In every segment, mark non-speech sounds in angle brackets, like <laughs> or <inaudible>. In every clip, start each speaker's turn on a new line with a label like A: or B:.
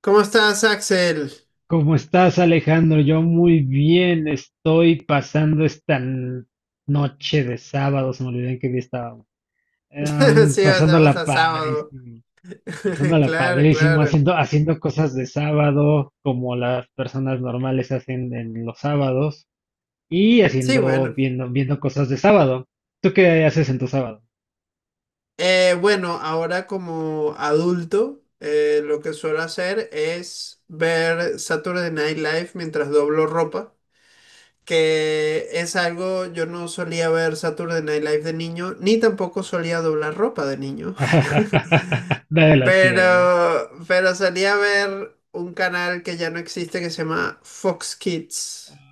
A: ¿Cómo estás, Axel?
B: ¿Cómo estás, Alejandro? Yo muy bien, estoy pasando esta noche de sábado. Se me olvidó en qué día estábamos.
A: <laughs> Sí, pasamos
B: Pasándola
A: a sábado.
B: padrísimo,
A: <laughs>
B: pasándola
A: Claro,
B: padrísimo,
A: claro.
B: haciendo cosas de sábado como las personas normales hacen en los sábados y
A: Sí, bueno.
B: viendo cosas de sábado. ¿Tú qué haces en tu sábado?
A: Bueno, ahora como adulto, lo que suelo hacer es ver Saturday Night Live mientras doblo ropa, que es algo, yo no solía ver Saturday Night Live de niño, ni tampoco solía doblar ropa de niño. <laughs>
B: <laughs> Nadie la
A: Pero,
B: hacía.
A: pero solía ver un canal que ya no existe que se llama Fox Kids.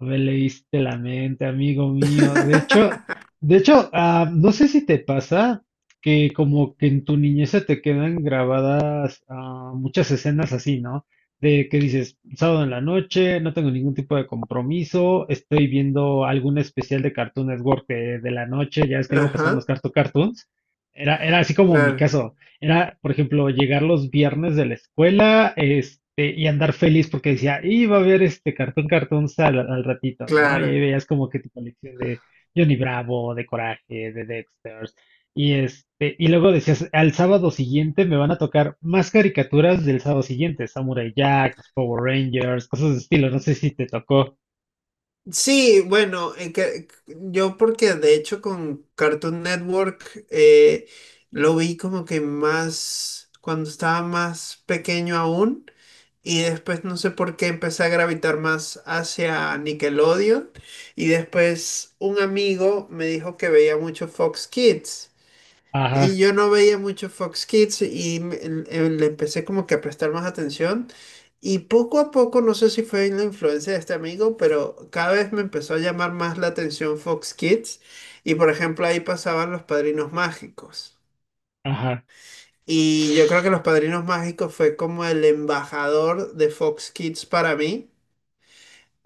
B: Me leíste la mente, amigo mío. De hecho,
A: <laughs>
B: de hecho, no sé si te pasa que como que en tu niñez se te quedan grabadas muchas escenas así, ¿no? De que dices, sábado en la noche, no tengo ningún tipo de compromiso, estoy viendo algún especial de Cartoon Network de la noche, ya es que luego pasaban los
A: Ajá.
B: Cartoon Cartoons. Era así como mi
A: Claro,
B: caso. Era, por ejemplo, llegar los viernes de la escuela, y andar feliz porque decía, iba a ver este cartón cartón al ratito, ¿no? Y ahí
A: claro.
B: veías como que tu colección de Johnny Bravo, de Coraje, de Dexter, y y luego decías, al sábado siguiente me van a tocar más caricaturas del sábado siguiente, Samurai Jack, los Power Rangers, cosas de estilo, no sé si te tocó.
A: Sí, bueno, yo porque de hecho con Cartoon Network lo vi como que más cuando estaba más pequeño aún y después no sé por qué empecé a gravitar más hacia Nickelodeon y después un amigo me dijo que veía mucho Fox Kids. Y
B: Ajá,
A: yo no veía mucho Fox Kids y le empecé como que a prestar más atención. Y poco a poco, no sé si fue en la influencia de este amigo, pero cada vez me empezó a llamar más la atención Fox Kids. Y por ejemplo, ahí pasaban Los Padrinos Mágicos.
B: ajá,
A: Y yo creo que Los Padrinos Mágicos fue como el embajador de Fox Kids para mí,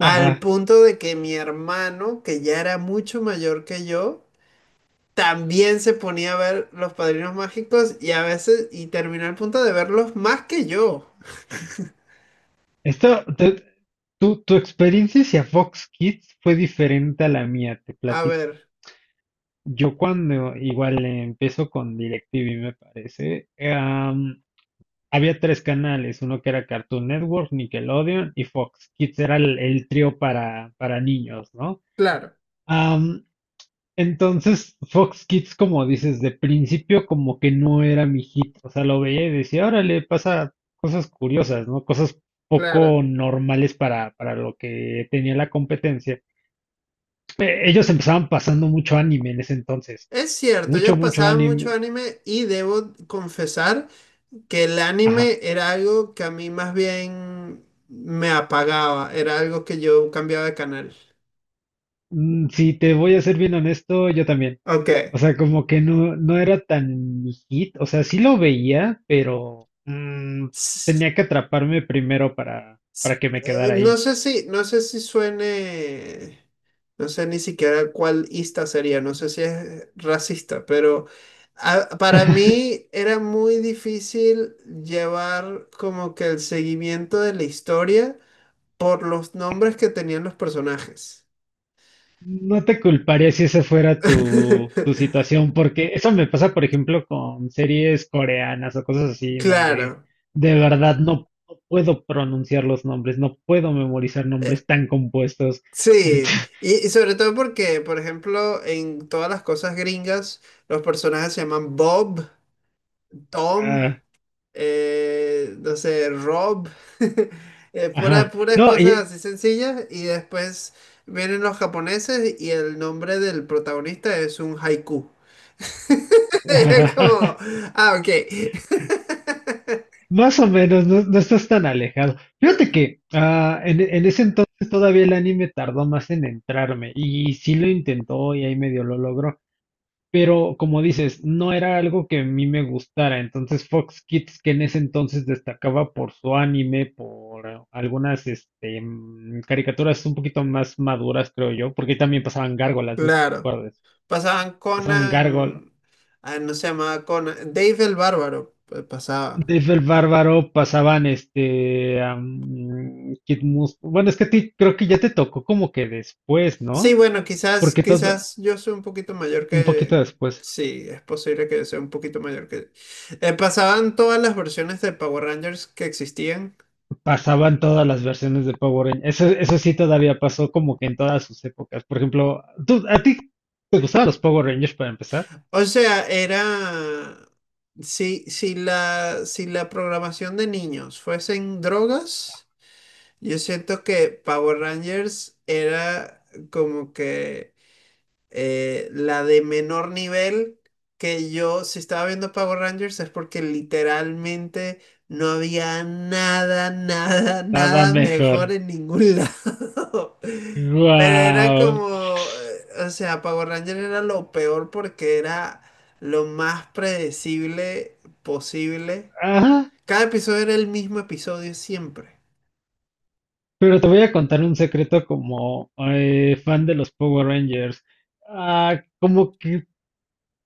A: al punto de que mi hermano, que ya era mucho mayor que yo, también se ponía a ver Los Padrinos Mágicos y a veces, y terminó al punto de verlos más que yo.
B: Esta, te- Tu, tu experiencia hacia Fox Kids fue diferente a la mía, te
A: A
B: platico.
A: ver,
B: Yo cuando igual empiezo con DirecTV, me parece. Había tres canales, uno que era Cartoon Network, Nickelodeon y Fox Kids, era el trío para niños, ¿no?
A: claro,
B: Entonces, Fox Kids, como dices, de principio como que no era mi hit. O sea, lo veía y decía, órale, pasa cosas curiosas, ¿no? Cosas poco
A: claro.
B: normales para lo que tenía la competencia. Ellos empezaban pasando mucho anime en ese entonces,
A: Es cierto, yo
B: mucho
A: pasaba mucho
B: anime.
A: anime y debo confesar que el
B: Ajá.
A: anime era algo que a mí más bien me apagaba, era algo que yo cambiaba de canal.
B: Si te voy a ser bien honesto, yo también.
A: Ok.
B: O sea, como que no era tan mi hit. O sea, sí lo veía, pero tenía que atraparme primero
A: S-
B: para que me quedara
A: no
B: ahí.
A: sé si, suene, no sé ni siquiera cuál ista sería, no sé si es racista, pero para mí era muy difícil llevar como que el seguimiento de la historia por los nombres que tenían los personajes.
B: No te culparía si esa fuera tu
A: <laughs>
B: situación, porque eso me pasa, por ejemplo, con series coreanas o cosas así, en donde
A: Claro,
B: de verdad no puedo pronunciar los nombres, no puedo memorizar nombres tan compuestos.
A: sí.
B: <laughs>
A: Y sobre todo porque, por ejemplo, en todas las cosas gringas, los personajes se llaman Bob, Tom.
B: Ah,
A: No sé, Rob, <laughs>
B: ajá.
A: puras
B: No,
A: cosas
B: y
A: así sencillas. Y después vienen los japoneses y el nombre del protagonista es un haiku. <laughs> Es como,
B: <laughs>
A: ok. <laughs>
B: más o menos. No estás tan alejado. Fíjate que en ese entonces todavía el anime tardó más en entrarme, y sí lo intentó y ahí medio lo logró. Pero como dices, no era algo que a mí me gustara. Entonces Fox Kids, que en ese entonces destacaba por su anime, por algunas caricaturas un poquito más maduras, creo yo, porque ahí también pasaban gárgolas, no sé si te
A: Claro.
B: acuerdas.
A: Pasaban
B: Pasaban gárgolas.
A: Conan, no se llamaba Conan, Dave el Bárbaro, pues, pasaba.
B: Dave el Bárbaro, pasaban Kid Mus. Bueno, es que a ti creo que ya te tocó como que después,
A: Sí,
B: ¿no?
A: bueno,
B: Porque todo,
A: quizás yo soy un poquito mayor
B: un poquito
A: que...
B: después.
A: Sí, es posible que sea un poquito mayor que... Pasaban todas las versiones de Power Rangers que existían.
B: Pasaban todas las versiones de Power Rangers. Eso sí todavía pasó como que en todas sus épocas. Por ejemplo, ¿a ti te gustaban los Power Rangers para empezar?
A: O sea, era... Si la programación de niños fuesen drogas, yo siento que Power Rangers era como que la de menor nivel que yo, si estaba viendo Power Rangers, es porque literalmente no había
B: Nada
A: nada mejor
B: mejor.
A: en ningún lado. <laughs> Pero era
B: ¡Guau!
A: como, o sea, Power Rangers era lo peor porque era lo más predecible posible.
B: Ajá.
A: Cada episodio era el mismo episodio siempre.
B: Pero te voy a contar un secreto como fan de los Power Rangers. Ah, como que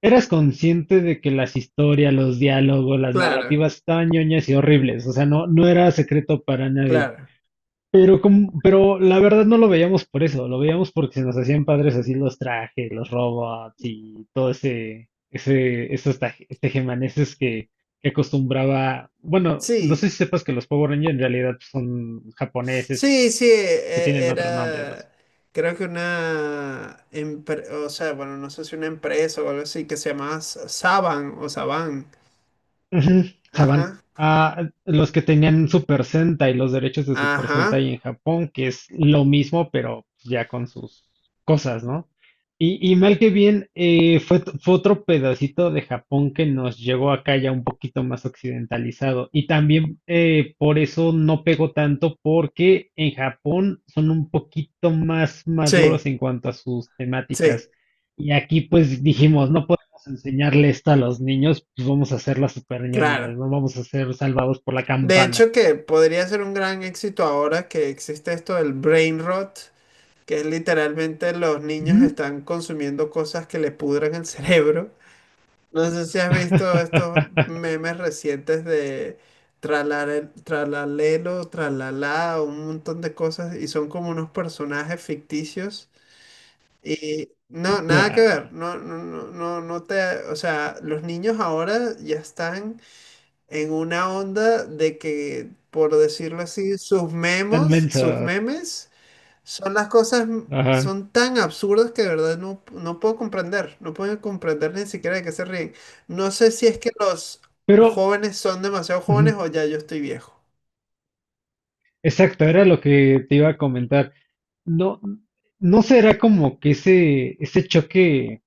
B: eras consciente de que las historias, los diálogos, las
A: Claro,
B: narrativas estaban ñoñas y horribles. O sea, no era secreto para nadie.
A: claro.
B: Pero, como, pero la verdad no lo veíamos por eso, lo veíamos porque se nos hacían padres así los trajes, los robots y todo esos tejemanejes que acostumbraba. Bueno, no sé
A: Sí.
B: si sepas que los Power Rangers en realidad son japoneses, que tienen otro nombre, no sé.
A: Era, creo que una, o sea, bueno, no sé si una empresa o algo así, que se llamaba Saban o Saban.
B: Ujú, Saban.
A: Ajá,
B: Ah, los que tenían Super Sentai, los derechos de Super
A: ajá.
B: Sentai en Japón, que es lo mismo, pero ya con sus cosas, ¿no? Y mal que bien, fue otro pedacito de Japón que nos llegó acá ya un poquito más occidentalizado. Y también por eso no pegó tanto, porque en Japón son un poquito más maduros
A: Sí,
B: en cuanto a sus temáticas.
A: sí,
B: Y aquí pues dijimos, no enseñarle esto a los niños, pues vamos a hacer las super ñoñas,
A: claro.
B: no vamos a ser salvados por la
A: De
B: campana.
A: hecho, que podría ser un gran éxito ahora que existe esto del brain rot, que es literalmente los niños
B: Ujú.
A: están consumiendo cosas que le pudran el <laughs> cerebro. No sé si has visto estos
B: <laughs>
A: memes recientes de tralalelo, tralalá, un montón de cosas y son como unos personajes ficticios y no, nada que
B: Guau,
A: ver, no te, o sea, los niños ahora ya están en una onda de que, por decirlo así, sus
B: tan
A: memos, sus
B: mensos.
A: memes son las cosas,
B: Ajá.
A: son tan absurdas que de verdad no, no puedo comprender, no puedo comprender ni siquiera de qué se ríen. No sé si es que los
B: Pero,
A: jóvenes son demasiado
B: ujú,
A: jóvenes o ya yo estoy viejo.
B: exacto, era lo que te iba a comentar. No, ¿no será como que ese choque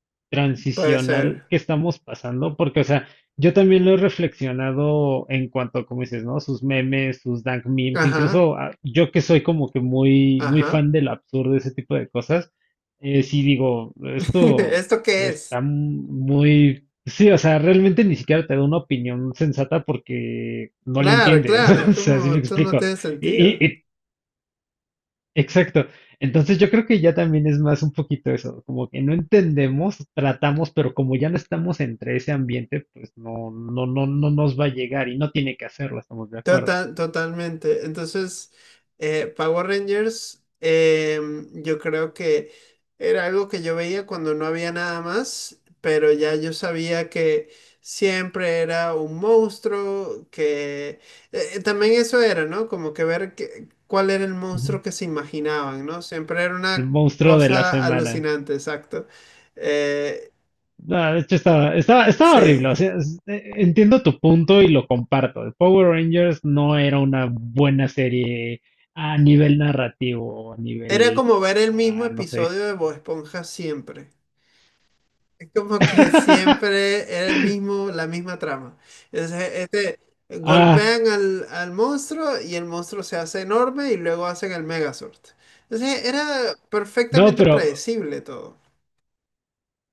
A: Puede
B: transicional
A: ser.
B: que estamos pasando? Porque, o sea, yo también lo he reflexionado en cuanto, como dices, ¿no? Sus memes, sus dank memes,
A: Ajá,
B: incluso yo que soy como que muy
A: ajá.
B: fan del absurdo, ese tipo de cosas, sí digo,
A: <laughs>
B: esto
A: ¿Esto qué es?
B: está muy... Sí, o sea, realmente ni siquiera te da una opinión sensata porque no le
A: Claro,
B: entiendes,
A: claro,
B: <laughs>
A: es
B: o sea, si
A: como
B: me
A: esto no
B: explico.
A: tiene
B: Y,
A: sentido.
B: y- y Exacto. Entonces yo creo que ya también es más un poquito eso, como que no entendemos, tratamos, pero como ya no estamos entre ese ambiente, pues no, no nos va a llegar y no tiene que hacerlo, estamos de acuerdo.
A: Total, totalmente. Entonces, Power Rangers, yo creo que era algo que yo veía cuando no había nada más, pero ya yo sabía que siempre era un monstruo, que también eso era, ¿no? Como que ver cuál era el monstruo
B: Ujú.
A: que se imaginaban, ¿no? Siempre era
B: El
A: una
B: monstruo de la
A: cosa
B: semana.
A: alucinante, exacto. Eh,
B: No, de hecho estaba horrible.
A: sí.
B: O sea, entiendo tu punto y lo comparto. The Power Rangers no era una buena serie a nivel narrativo, a
A: Era
B: nivel,
A: como ver el mismo
B: ah, no sé.
A: episodio de Bob Esponja siempre. Es como que
B: <laughs>
A: siempre era el mismo, la misma trama. Entonces, este,
B: Ah,
A: golpean al, al monstruo y el monstruo se hace enorme y luego hacen el Megazord. Entonces, era
B: no,
A: perfectamente
B: pero
A: predecible todo.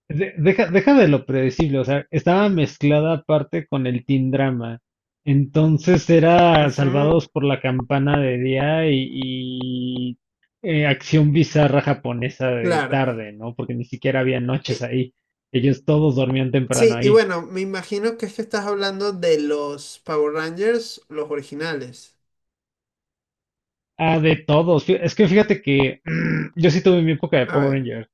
B: Deja, deja de lo predecible, o sea, estaba mezclada aparte con el teen drama. Entonces era
A: Ujú,
B: Salvados por la Campana de día y acción bizarra japonesa de
A: claro.
B: tarde, ¿no? Porque ni siquiera había noches
A: Y-
B: ahí. Ellos todos dormían temprano
A: sí, y
B: ahí.
A: bueno, me imagino que es que estás hablando de los Power Rangers, los originales.
B: Ah, de todos. Es que fíjate que <clears throat> yo sí tuve mi época de
A: A
B: Power
A: ver.
B: Ranger.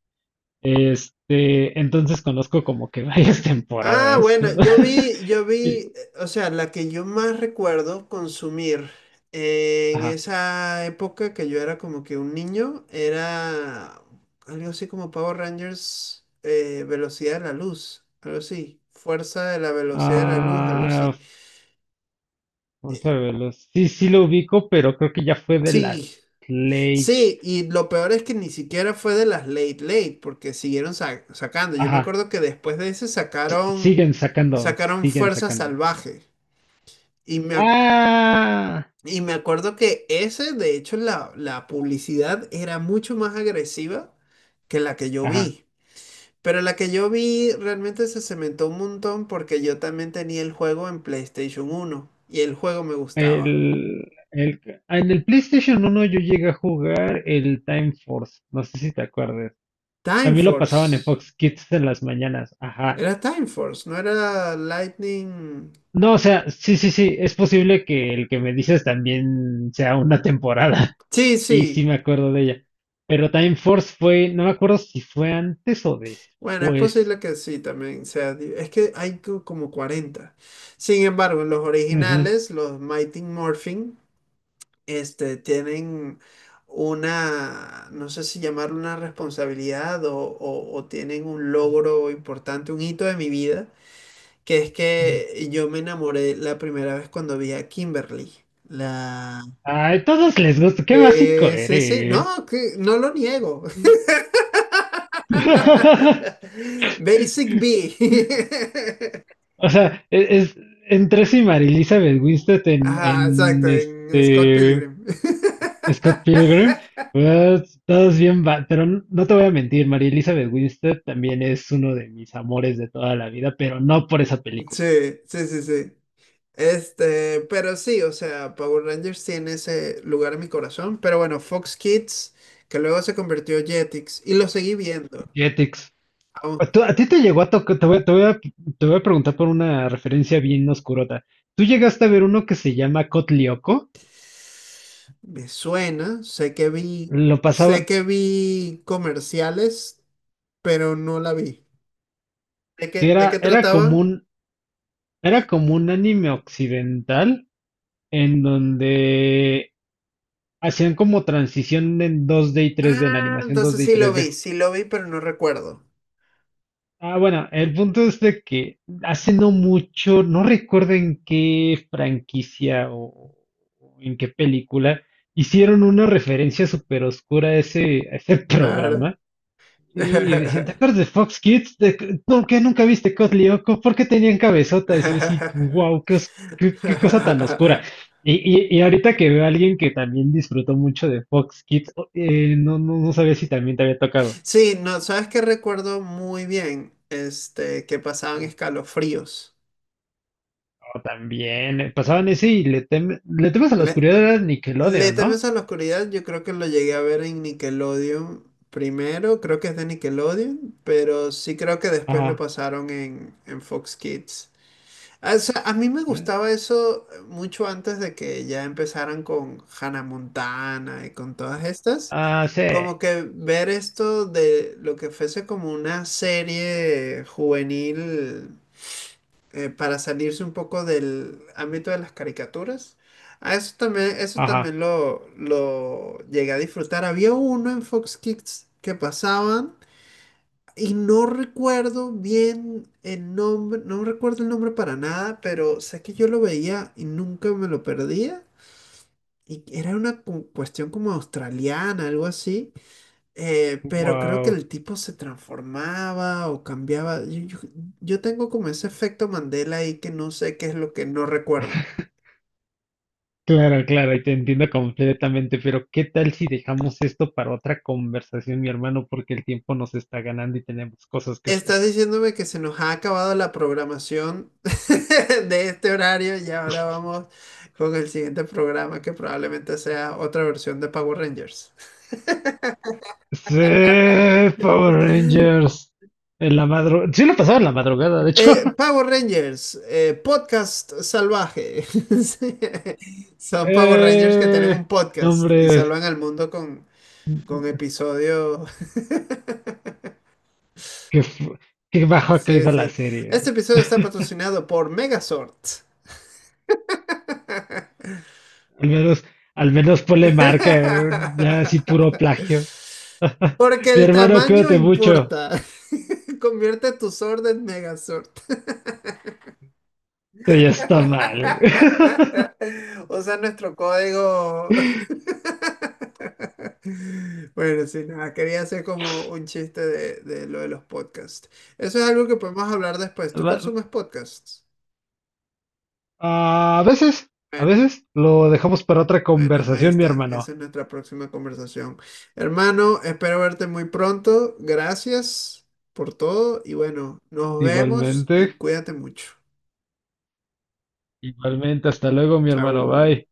B: Entonces conozco como que varias <laughs>
A: Ah,
B: temporadas.
A: bueno,
B: <laughs>
A: yo
B: Y
A: vi, o sea, la que yo más recuerdo consumir en
B: ajá.
A: esa época que yo era como que un niño, era algo así como Power Rangers, Velocidad de la Luz, algo así, Fuerza de la Velocidad de la Luz, algo
B: Ah,
A: así.
B: vamos a verlo. Sí, sí lo ubico, pero creo que ya fue de
A: Sí,
B: las Play.
A: sí, y lo peor es que ni siquiera fue de las late late, porque siguieron sacando. Yo me
B: Ajá.
A: acuerdo que después de ese
B: Siguen sacando,
A: sacaron
B: siguen
A: Fuerza
B: sacando.
A: Salvaje. Y me, ac-
B: Ah,
A: Y me acuerdo que ese, de hecho, la publicidad era mucho más agresiva que la que yo
B: ajá.
A: vi. Pero la que yo vi realmente se cementó un montón porque yo también tenía el juego en PlayStation uno y el juego me gustaba.
B: El, el, en el PlayStation uno yo llegué a jugar el Time Force. No sé si te acuerdas.
A: Time
B: También lo pasaban en
A: Force.
B: Fox Kids en las mañanas. Ajá.
A: Era Time Force, no era Lightning.
B: No, o sea, sí, sí, sí. Es posible que el que me dices también sea una <laughs> temporada.
A: Sí,
B: Y sí
A: sí.
B: me acuerdo de ella. Pero Time Force fue, no me acuerdo si fue antes o
A: Bueno, es
B: después.
A: posible que sí también sea. Es que hay como 40. Sin embargo, en los
B: Ujú.
A: originales, los Mighty Morphin, este, tienen una, no sé si llamarlo una responsabilidad o, o tienen un logro importante, un hito de mi vida, que es que yo me enamoré la primera vez cuando vi a Kimberly. La...
B: Ay, todos les gusta, qué básico
A: Sí, sí,
B: eres.
A: no, que, no lo niego.
B: <laughs>
A: <laughs> Basic B.
B: O sea, es, entre sí Mary Elizabeth Winstead
A: <laughs> Ajá, exacto,
B: en
A: en Scott
B: este
A: Pilgrim. <laughs>
B: Scott Pilgrim, pues, todos bien, pero no te voy a mentir, Mary Elizabeth Winstead también es uno de mis amores de toda la vida, pero no por esa película.
A: Sí, sí, sí, sí. Este, pero sí, o sea, Power Rangers tiene ese lugar en mi corazón, pero bueno, Fox Kids, que luego se convirtió en Jetix, y lo seguí viendo. Aún
B: Pues ¿a ti te llegó a tocar? Te voy a preguntar por una referencia bien oscurota. ¿Tú llegaste a ver uno que se llama Cotlioco?
A: me suena,
B: Lo
A: sé
B: pasaban,
A: que vi comerciales, pero no la vi.
B: que
A: De qué trataba?
B: era como un anime occidental en donde hacían como transición en 2D y 3D, en
A: Ah,
B: animación
A: entonces
B: 2D y 3D.
A: sí lo vi, pero no recuerdo.
B: Ah, bueno, el punto es de que hace no mucho, no recuerdo en qué franquicia o en qué película, hicieron una referencia súper oscura a a ese <laughs>
A: Claro.
B: programa. Y decían, ¿te
A: <laughs>
B: acuerdas de Fox Kids? ¿De que- ¿Por qué nunca viste Cotli Oco? ¿Por qué tenían cabezotas? Y yo así, wow, qué, qué cosa tan oscura.
A: <laughs>
B: Y, y ahorita que veo a alguien que también disfrutó mucho de Fox Kids, no sabía si también te había tocado.
A: Sí, no, ¿sabes qué recuerdo muy bien? Este, que pasaban escalofríos.
B: O también pasaban ese le temes a la
A: Le,
B: oscuridad era
A: Le
B: Nickelodeon, ¿no?
A: temes a la oscuridad, yo creo que lo llegué a ver en Nickelodeon primero, creo que es de Nickelodeon, pero sí creo que después lo
B: Ajá.
A: pasaron en Fox Kids. Ah, o sea, a mí me
B: ¿Eh?
A: gustaba eso mucho antes de que ya empezaran con Hannah Montana y con todas estas.
B: Ah, sí.
A: Como que ver esto de lo que fuese como una serie juvenil para salirse un poco del ámbito de las caricaturas. Ah, eso
B: Ajá.
A: también lo llegué a disfrutar. Había uno en Fox Kids que pasaban y no recuerdo bien el nombre, no recuerdo el nombre para nada, pero sé que yo lo veía y nunca me lo perdía. Y era una cuestión como australiana, algo así. Pero creo que
B: Wow.
A: el tipo se transformaba o cambiaba. Yo tengo como ese efecto Mandela ahí que no sé qué es lo que no recuerdo.
B: Claro, claro, y te entiendo completamente, pero ¿qué tal si dejamos esto para otra conversación, mi hermano? Porque el tiempo nos está ganando y tenemos cosas que hacer.
A: Estás diciéndome que se nos ha acabado la programación <laughs> de este horario y ahora vamos con el siguiente programa que probablemente sea otra versión de Power Rangers.
B: Sí, Power
A: <laughs>
B: Rangers. En la madrugada. Sí, lo pasaba en la madrugada, de hecho. <laughs>
A: Power Rangers, podcast salvaje. <laughs> Sí. Son Power Rangers que tienen un
B: Eh,
A: podcast y
B: hombres,
A: salvan al mundo con episodio. <laughs>
B: que, fu- que bajo ha
A: Sí,
B: caído la
A: sí. Este
B: serie.
A: episodio está patrocinado por Megazord. <laughs>
B: Al menos, al menos ponle marca, ya así puro plagio.
A: Porque
B: <laughs> Mi
A: el
B: hermano,
A: tamaño
B: cuídate mucho.
A: importa. <laughs> Convierte tu sword en Megazord.
B: Esto ya está mal. <laughs>
A: <laughs> Usa nuestro código. <laughs> Bueno, sí, nada, quería hacer como un chiste de lo de los podcasts. Eso es algo que podemos hablar después. ¿Tú
B: Va,
A: consumes podcasts?
B: a veces, a veces lo dejamos para otra
A: Bueno, ahí
B: conversación, mi
A: está.
B: hermano.
A: Esa es nuestra próxima conversación. Hermano, espero verte muy pronto. Gracias por todo y bueno, nos vemos y
B: Igualmente,
A: cuídate mucho.
B: igualmente, hasta luego, mi hermano.
A: Chao.
B: Bye.